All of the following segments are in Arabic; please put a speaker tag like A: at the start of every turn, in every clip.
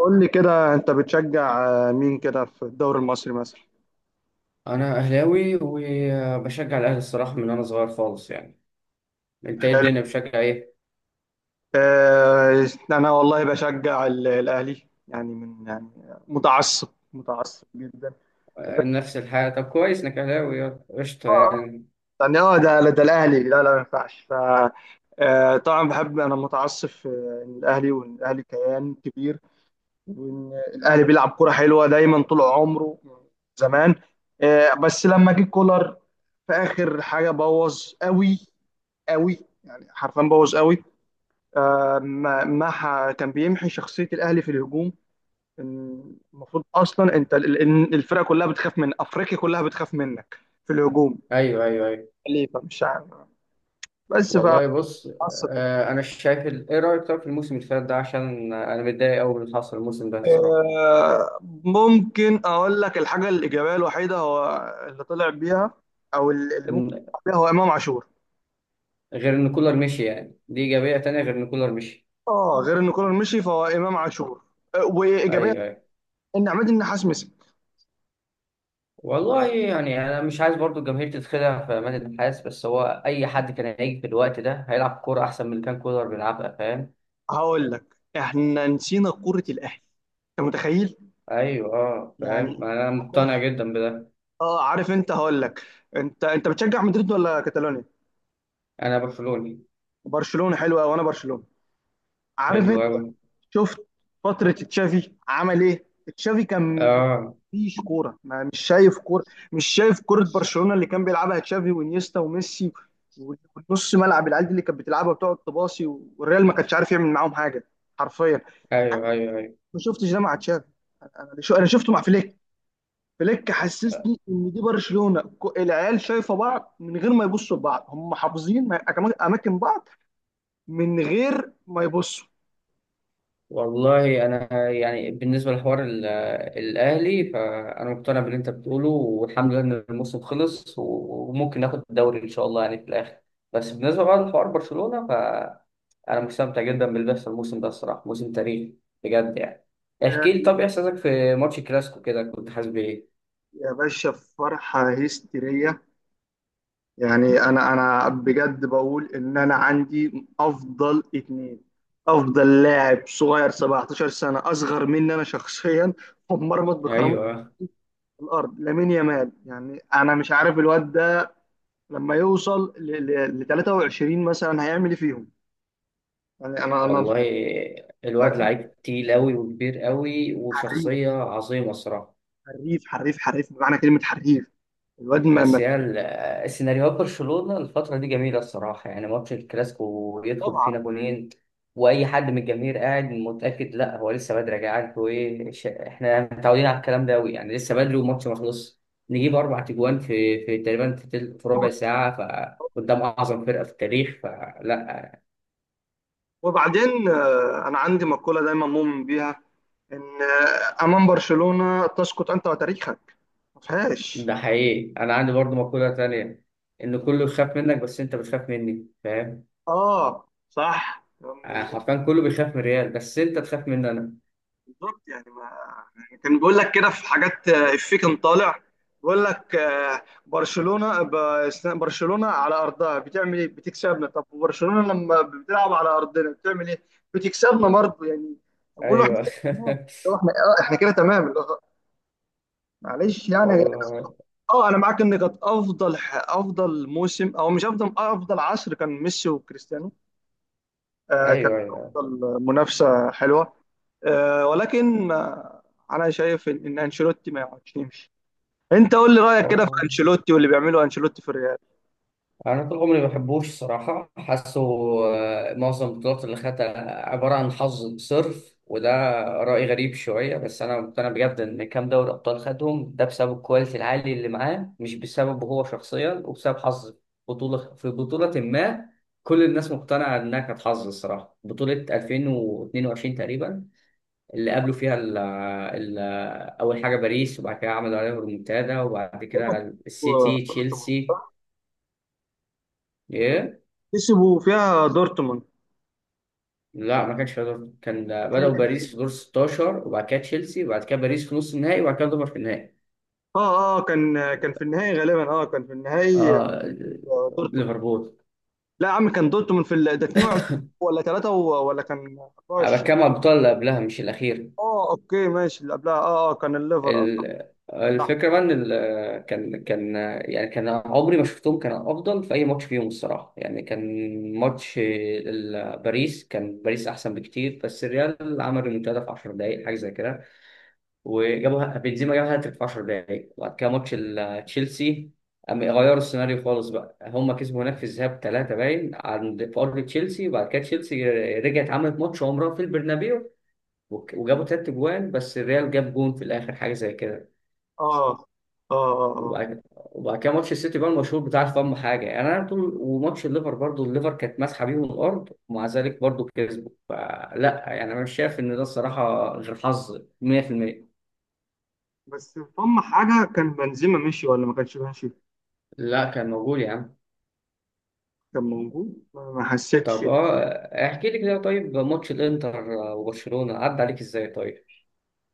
A: قول لي كده انت بتشجع، مين كده في الدوري المصري مثلا؟
B: انا اهلاوي وبشجع الاهلي الصراحه من وانا صغير خالص يعني. انت ايه
A: حلو.
B: الدنيا بتشجع ايه؟
A: انا والله بشجع الاهلي، يعني من، يعني متعصب، متعصب جدا. بس
B: نفس الحاجه، طب كويس انك اهلاوي قشطه
A: اه آه،
B: يعني.
A: يعني ده الاهلي، لا لا، ما ينفعش ف. طبعا بحب، انا متعصب في ان الاهلي، وان الاهلي كيان كبير، وان الاهلي بيلعب كرة حلوة دايما طول عمره من زمان. بس لما جه كولر في اخر حاجة بوظ قوي قوي. يعني حرفيا بوظ قوي. ما ما ح- كان بيمحي شخصية الأهلي في الهجوم. إن المفروض أصلا أنت، إن الفرقة كلها بتخاف، من أفريقيا كلها بتخاف منك في الهجوم.
B: ايوه ايوه ايوه.
A: خليفة مش عارف. بس
B: والله بص،
A: فعصب.
B: انا شايف ايه رايك طب في الموسم اللي فات ده؟ عشان انا متضايق قوي من اللي حصل الموسم ده الصراحه.
A: ممكن أقول لك، الحاجة الإيجابية الوحيدة هو اللي طلع بيها، أو اللي ممكن
B: إن
A: يطلع بيها، هو إمام عاشور.
B: غير ان كولر مشي، يعني دي ايجابيه تانية غير ان كولر مشي.
A: أه، غير إن كولر مشي فهو إمام عاشور. وإيجابية
B: ايوه ايوه.
A: إن عماد النحاس مسك.
B: والله يعني انا مش عايز برضو الجماهير تتخدع في امان النحاس، بس هو اي حد كان هيجي في الوقت ده هيلعب كوره احسن من اللي كان كولر بيلعبها، فاهم؟
A: هقول لك، إحنا نسينا كرة الأهلي. أنت متخيل؟
B: ايوه اه فاهم،
A: يعني
B: ما انا مقتنع جدا بده.
A: اه عارف انت، هقول لك، انت بتشجع مدريد ولا كاتالونيا؟
B: انا برشلوني.
A: برشلونه حلوه، وانا برشلونه. عارف
B: حلو
A: انت؟
B: قوي.
A: شفت فتره تشافي عمل ايه؟ تشافي كان
B: اه
A: مفيش كوره، ما مش شايف كوره. مش شايف كوره برشلونه اللي كان بيلعبها تشافي وانيستا وميسي، ونص ملعب العيال دي اللي كانت بتلعبها وتقعد تباصي، والريال ما كانش عارف يعمل معاهم حاجه، حرفيا.
B: ايوه ايوه ايوه.
A: ما شفتش ده مع تشافي. انا انا شفته مع فليك. فليك حسسني ان دي برشلونه، العيال شايفه بعض من غير ما يبصوا لبعض، هم حافظين اماكن بعض من غير ما يبصوا.
B: والله انا يعني بالنسبه لحوار الاهلي، فانا مقتنع باللي انت بتقوله، والحمد لله ان الموسم خلص وممكن ناخد الدوري ان شاء الله يعني في الاخر. بس بالنسبه بقى لحوار برشلونه، فانا مستمتع جدا باللي بيحصل الموسم ده الصراحه، موسم تاريخي بجد يعني. احكي لي
A: يا
B: طب، إيه احساسك في ماتش الكلاسيكو كده؟ كنت حاسس بايه؟
A: يا باشا، فرحه هستيريه. يعني انا بجد بقول، ان انا عندي افضل اتنين. افضل لاعب صغير 17 سنه، اصغر مني انا شخصيا، ومرمط بكرامه
B: ايوه.
A: الارض لامين يامال. يعني انا مش عارف الواد ده لما يوصل ل 23 مثلا هيعمل ايه فيهم. يعني انا
B: والله الواد لعيب تقيل أوي وكبير أوي
A: حريف،
B: وشخصية عظيمة الصراحة.
A: حريف حريف حريف، بمعنى كلمة حريف. الواد
B: بس هي السيناريوهات برشلونة الفترة دي جميلة الصراحة يعني. ماتش الكلاسيكو يدخل
A: طبعا.
B: فينا جونين، وأي حد من الجماهير قاعد متأكد لا، هو لسه بدري يا جدعان، انتوا إيه؟ إحنا متعودين على الكلام ده أوي يعني. لسه بدري والماتش ما خلصش. نجيب أربع أجوان في تقريبا في في ربع ساعة فقدام أعظم فرقة في التاريخ؟ فلا.
A: وبعدين، أنا عندي مقولة دايما مؤمن بيها، إن أمام برشلونة تسقط أنت وتاريخك، ما فيهاش.
B: ده حقيقي، انا عندي برضو مقولة تانية: ان كله يخاف منك، بس انت بتخاف مني، فاهم؟
A: آه صح.
B: حرفيا كله بيخاف من ريال، بس انت تخاف مني انا.
A: بالظبط يعني ما يعني، كان بيقول لك كده في حاجات، افيه كان طالع بيقول لك، برشلونة برشلونة على ارضها بتعمل ايه؟ بتكسبنا. طب وبرشلونة لما بتلعب على ارضنا بتعمل ايه؟ بتكسبنا برضه. يعني فبقول له احنا
B: ايوه
A: كده تمام. لو احنا احنا كده تمام، اللي هو معلش، يعني يا جدعان.
B: والله
A: اه، انا معاك ان كانت افضل افضل موسم، او مش افضل، افضل عصر كان ميسي وكريستيانو. كان
B: ايوه ايوه.
A: افضل منافسة حلوة. ولكن انا شايف إن انشيلوتي ما يقعدش يمشي. انت قول لي رايك كده في
B: أوه.
A: انشيلوتي واللي بيعمله انشيلوتي في الريال.
B: انا طول عمري ما بحبوش صراحه، حاسه معظم البطولات اللي خدتها عباره عن حظ صرف. وده راي غريب شويه بس انا مقتنع بجد ان كام دوري ابطال خدهم ده بسبب الكواليتي العالي اللي معاه، مش بسببه هو شخصيا، وبسبب حظ بطوله في بطوله. ما كل الناس مقتنعه انها كانت حظ الصراحه. بطوله 2022 تقريبا، اللي قابلوا فيها ال اول حاجه باريس، وبعد كده عملوا عليهم ريمونتادا، وبعد
A: هم
B: كده
A: كسبوا
B: السيتي،
A: دورتموند.
B: تشيلسي. yeah.
A: كسبوا فيها دورتموند،
B: لا ما كانش في دور، كان
A: كان
B: بدأوا باريس في
A: النهائي.
B: دور 16، وبعد كده تشيلسي، وبعد كده باريس في نص النهائي، وبعد كده ليفر في النهائي.
A: اه كان في النهائي غالبا، كان في النهائي.
B: اه.
A: دورتموند.
B: ليفربول.
A: لا يا عم، كان دورتموند في ده 22 ولا 3 ولا كان
B: انا
A: 24؟
B: بتكلم على البطولة اللي قبلها مش الأخير.
A: اه، اوكي ماشي، اللي قبلها، كان الليفر، اه صح. صح.
B: الفكرة بقى ان كان يعني كان عمري ما شفتهم كان افضل في اي ماتش فيهم الصراحة. يعني كان ماتش باريس، كان باريس احسن بكتير، بس الريال عمل ريمونتادا في 10 دقايق حاجة زي كده، وجابها بنزيما، جاب هاتريك في 10 دقايق. وبعد كده ماتش تشيلسي، قام غيروا السيناريو خالص بقى. هم كسبوا هناك في الذهاب ثلاثة باين عند في أرض تشيلسي، وبعد كده تشيلسي رجعت عملت ماتش عمرها في البرنابيو، وجابوا تلات أجوان، بس الريال جاب جون في الآخر حاجة زي كده.
A: اه اه اه آه.
B: وبعد كده ماتش السيتي بقى المشهور بتاع فم حاجة يعني. أنا طول وماتش الليفر برضو، الليفر كانت ماسحة بيهم الأرض ومع ذلك برضو كسبوا، فلا يعني أنا مش شايف إن ده الصراحة غير حظ 100%.
A: بس هم حاجه، كان بنزيما مشي ولا ما كانش ماشي؟
B: لا كان موجود يا عم.
A: كان موجود، ما حسيتش.
B: طب اه احكي لي كده طيب، ماتش الانتر وبرشلونة عدى عليك ازاي طيب؟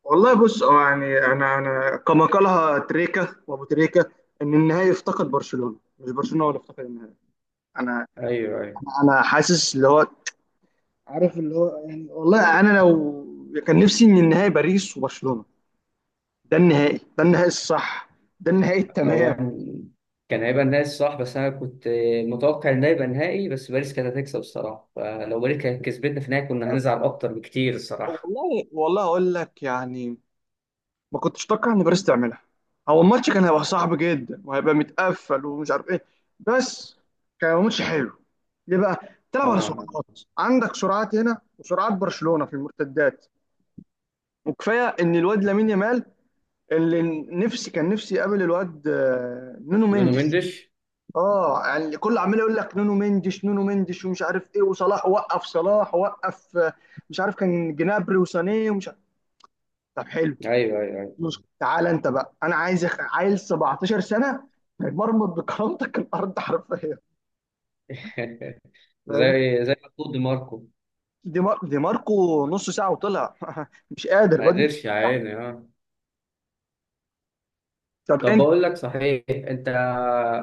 A: والله بص، يعني انا كما قالها تريكا وابو تريكا، ان النهائي افتقد برشلونه، مش برشلونه هو اللي افتقد النهائي. انا
B: ايوه ايوه.
A: انا حاسس اللي هو، عارف اللي هو، يعني والله انا لو، كان نفسي ان النهائي باريس وبرشلونه. ده النهائي، ده النهائي الصح، ده النهائي التمام.
B: هو كان هيبقى نهائي صح، بس انا كنت متوقع ان ده يبقى نهائي، بس باريس كانت هتكسب الصراحة، فلو باريس كانت كسبتنا في النهائي كنا هنزعل اكتر بكتير الصراحة.
A: والله والله اقول لك يعني، ما كنتش اتوقع ان باريس تعملها. هو الماتش كان هيبقى صعب جدا، وهيبقى متقفل، ومش عارف ايه. بس كان هيبقى ماتش حلو. ليه بقى؟ تلعب على
B: اه
A: سرعات، عندك سرعات هنا وسرعات برشلونة في المرتدات. وكفايه ان الواد لامين يامال اللي، نفسي كان نفسي يقابل الواد، نونو
B: نونو
A: مندش.
B: مندش.
A: اه يعني كل عمال يقول لك، نونو مندش، نونو مندش، ومش عارف ايه، وصلاح وقف، صلاح وقف، مش عارف، كان جنابري وسانيه ومش عارف. طب حلو،
B: ايوه ايوه
A: بص تعالى انت بقى، انا عايز عيل 17 سنه هيمرمط بكرامتك الارض حرفيا.
B: ايوه
A: فاهمني؟
B: زي ما تقول دي ماركو.
A: دي ماركو نص ساعه وطلع مش قادر
B: ما
A: الواد مش
B: قدرش يا
A: قادر.
B: عيني اه.
A: طب
B: طب
A: انت
B: بقول لك صحيح، انت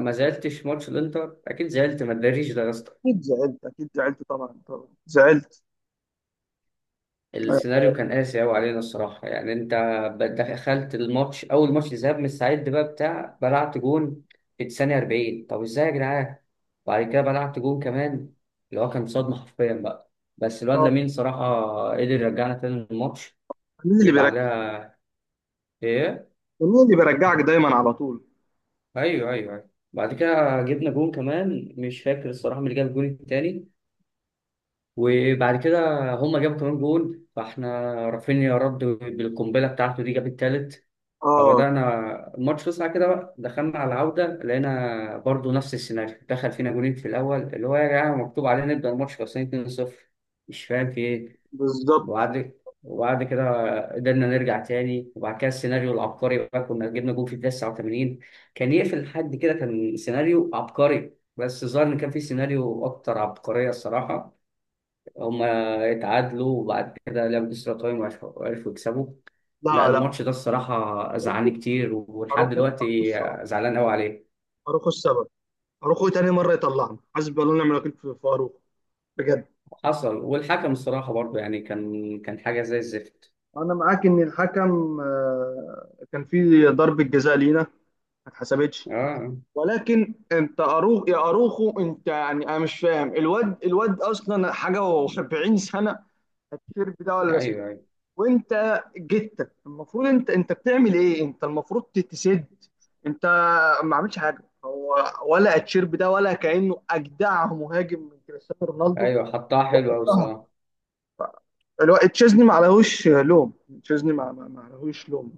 B: ما زعلتش ماتش الانتر؟ اكيد زعلت، ما تداريش ده يا اسطى.
A: اكيد زعلت، اكيد زعلت، طبعا طبعا زعلت.
B: السيناريو كان قاسي أوي علينا الصراحة يعني. أنت دخلت الماتش، أول ماتش ذهاب، مستعد بقى بتاع، بلعت جون في الثانية 40، طب إزاي يا جدعان؟ وبعد كده بلعت جون كمان، اللي هو كان صدمة حرفيا بقى. بس الواد
A: اه،
B: لامين صراحة قدر يرجعنا تاني الماتش
A: مين اللي بيرجع؟
B: ويبعدها. إيه؟
A: مين اللي بيرجعك دايما على طول؟
B: أيوه أيوه أيوه، بعد كده جبنا جون كمان، مش فاكر الصراحة مين اللي جاب الجون التاني. وبعد كده هما جابوا كمان جون، فاحنا رافينيا رد بالقنبلة بتاعته دي، جاب التالت.
A: اه
B: فبدأنا الماتش وسع كده بقى. دخلنا على العودة لقينا برضو نفس السيناريو، دخل فينا جولين في الأول. اللي هو يا جماعة مكتوب علينا نبدأ الماتش خلصانين 2-0، مش فاهم في إيه.
A: بالظبط.
B: وبعد وبعد كده قدرنا نرجع تاني، وبعد كده السيناريو العبقري بقى، كنا جبنا جول في الدقيقة 89، كان يقفل لحد كده، كان سيناريو عبقري. بس الظاهر إن كان في سيناريو أكتر عبقرية الصراحة. هما اتعادلوا وبعد كده لعبوا اكسترا تايم، عرفوا يكسبوا. لا
A: لا لا،
B: الماتش ده الصراحة
A: اروخو،
B: زعلني كتير ولحد
A: اروخو اروخو
B: دلوقتي
A: السبب،
B: زعلان قوي عليه.
A: اروخو السبب، اروخو تاني مره يطلعنا حسبي الله ونعم الوكيل في اروخو، بجد.
B: حصل. والحكم الصراحة برضه يعني كان كان حاجة زي الزفت.
A: انا معاك ان الحكم كان في ضربة جزاء لينا ما اتحسبتش.
B: اه
A: ولكن انت يا اروخو، انت يعني انا مش فاهم. الواد، اصلا حاجه، و70 سنه، التيشيرت ده ولا
B: ايوه
A: اسمه إيه؟
B: ايوه.
A: وانت جيت، المفروض انت، بتعمل ايه؟ انت المفروض تتسد. انت ما عملتش حاجه، هو ولا التيشيرت ده ولا كانه اجدع مهاجم من كريستيانو رونالدو.
B: ايوه حطها حلوة قوي الصراحة.
A: الواد تشيزني ما عليهوش لوم. تشيزني ما عليهوش لوم،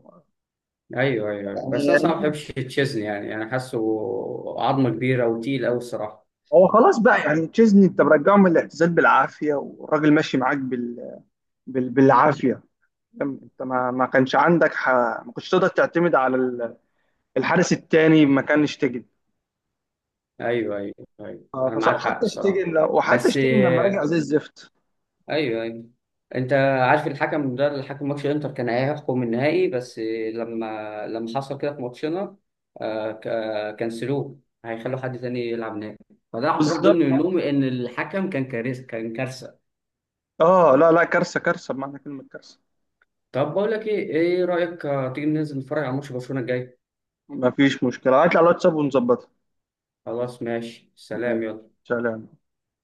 B: ايوه ايوه أيوة. بس انا صراحة ما
A: يعني.
B: بحبش تشيزني يعني، انا حاسه عظمة كبيرة وتقيل قوي الصراحة.
A: هو خلاص بقى، يعني تشيزني انت مرجعه من الاعتزال بالعافيه، والراجل ماشي معاك بالعافيه. فاهم؟ انت ما كانش عندك ما كنتش تقدر تعتمد على الحارس التاني، ما كان شتيجن.
B: ايوه ايوه ايوه انا معاك حق الصراحة.
A: وحتى
B: بس
A: شتيجن لما رجع زي الزفت.
B: ايوه ايوه. انت عارف الحكم ده اللي حكم ماتش انتر كان هيحكم النهائي، بس لما لما حصل كده في ماتشنا، كنسلوه، هيخلوا حد تاني يلعب نهائي. فده اعتراف ضمن
A: بالظبط.
B: منهم ان الحكم كان كارثه، كان كارثه.
A: اه، لا لا، كارثه كارثه بمعنى كلمه كارثه.
B: طب بقول لك ايه، ايه رايك تيجي ننزل نتفرج على ماتش برشلونه الجاي؟
A: ما فيش مشكله، هات لي على الواتساب ونظبطها.
B: خلاص ماشي، سلام،
A: ماشي.
B: يلا.
A: سلام.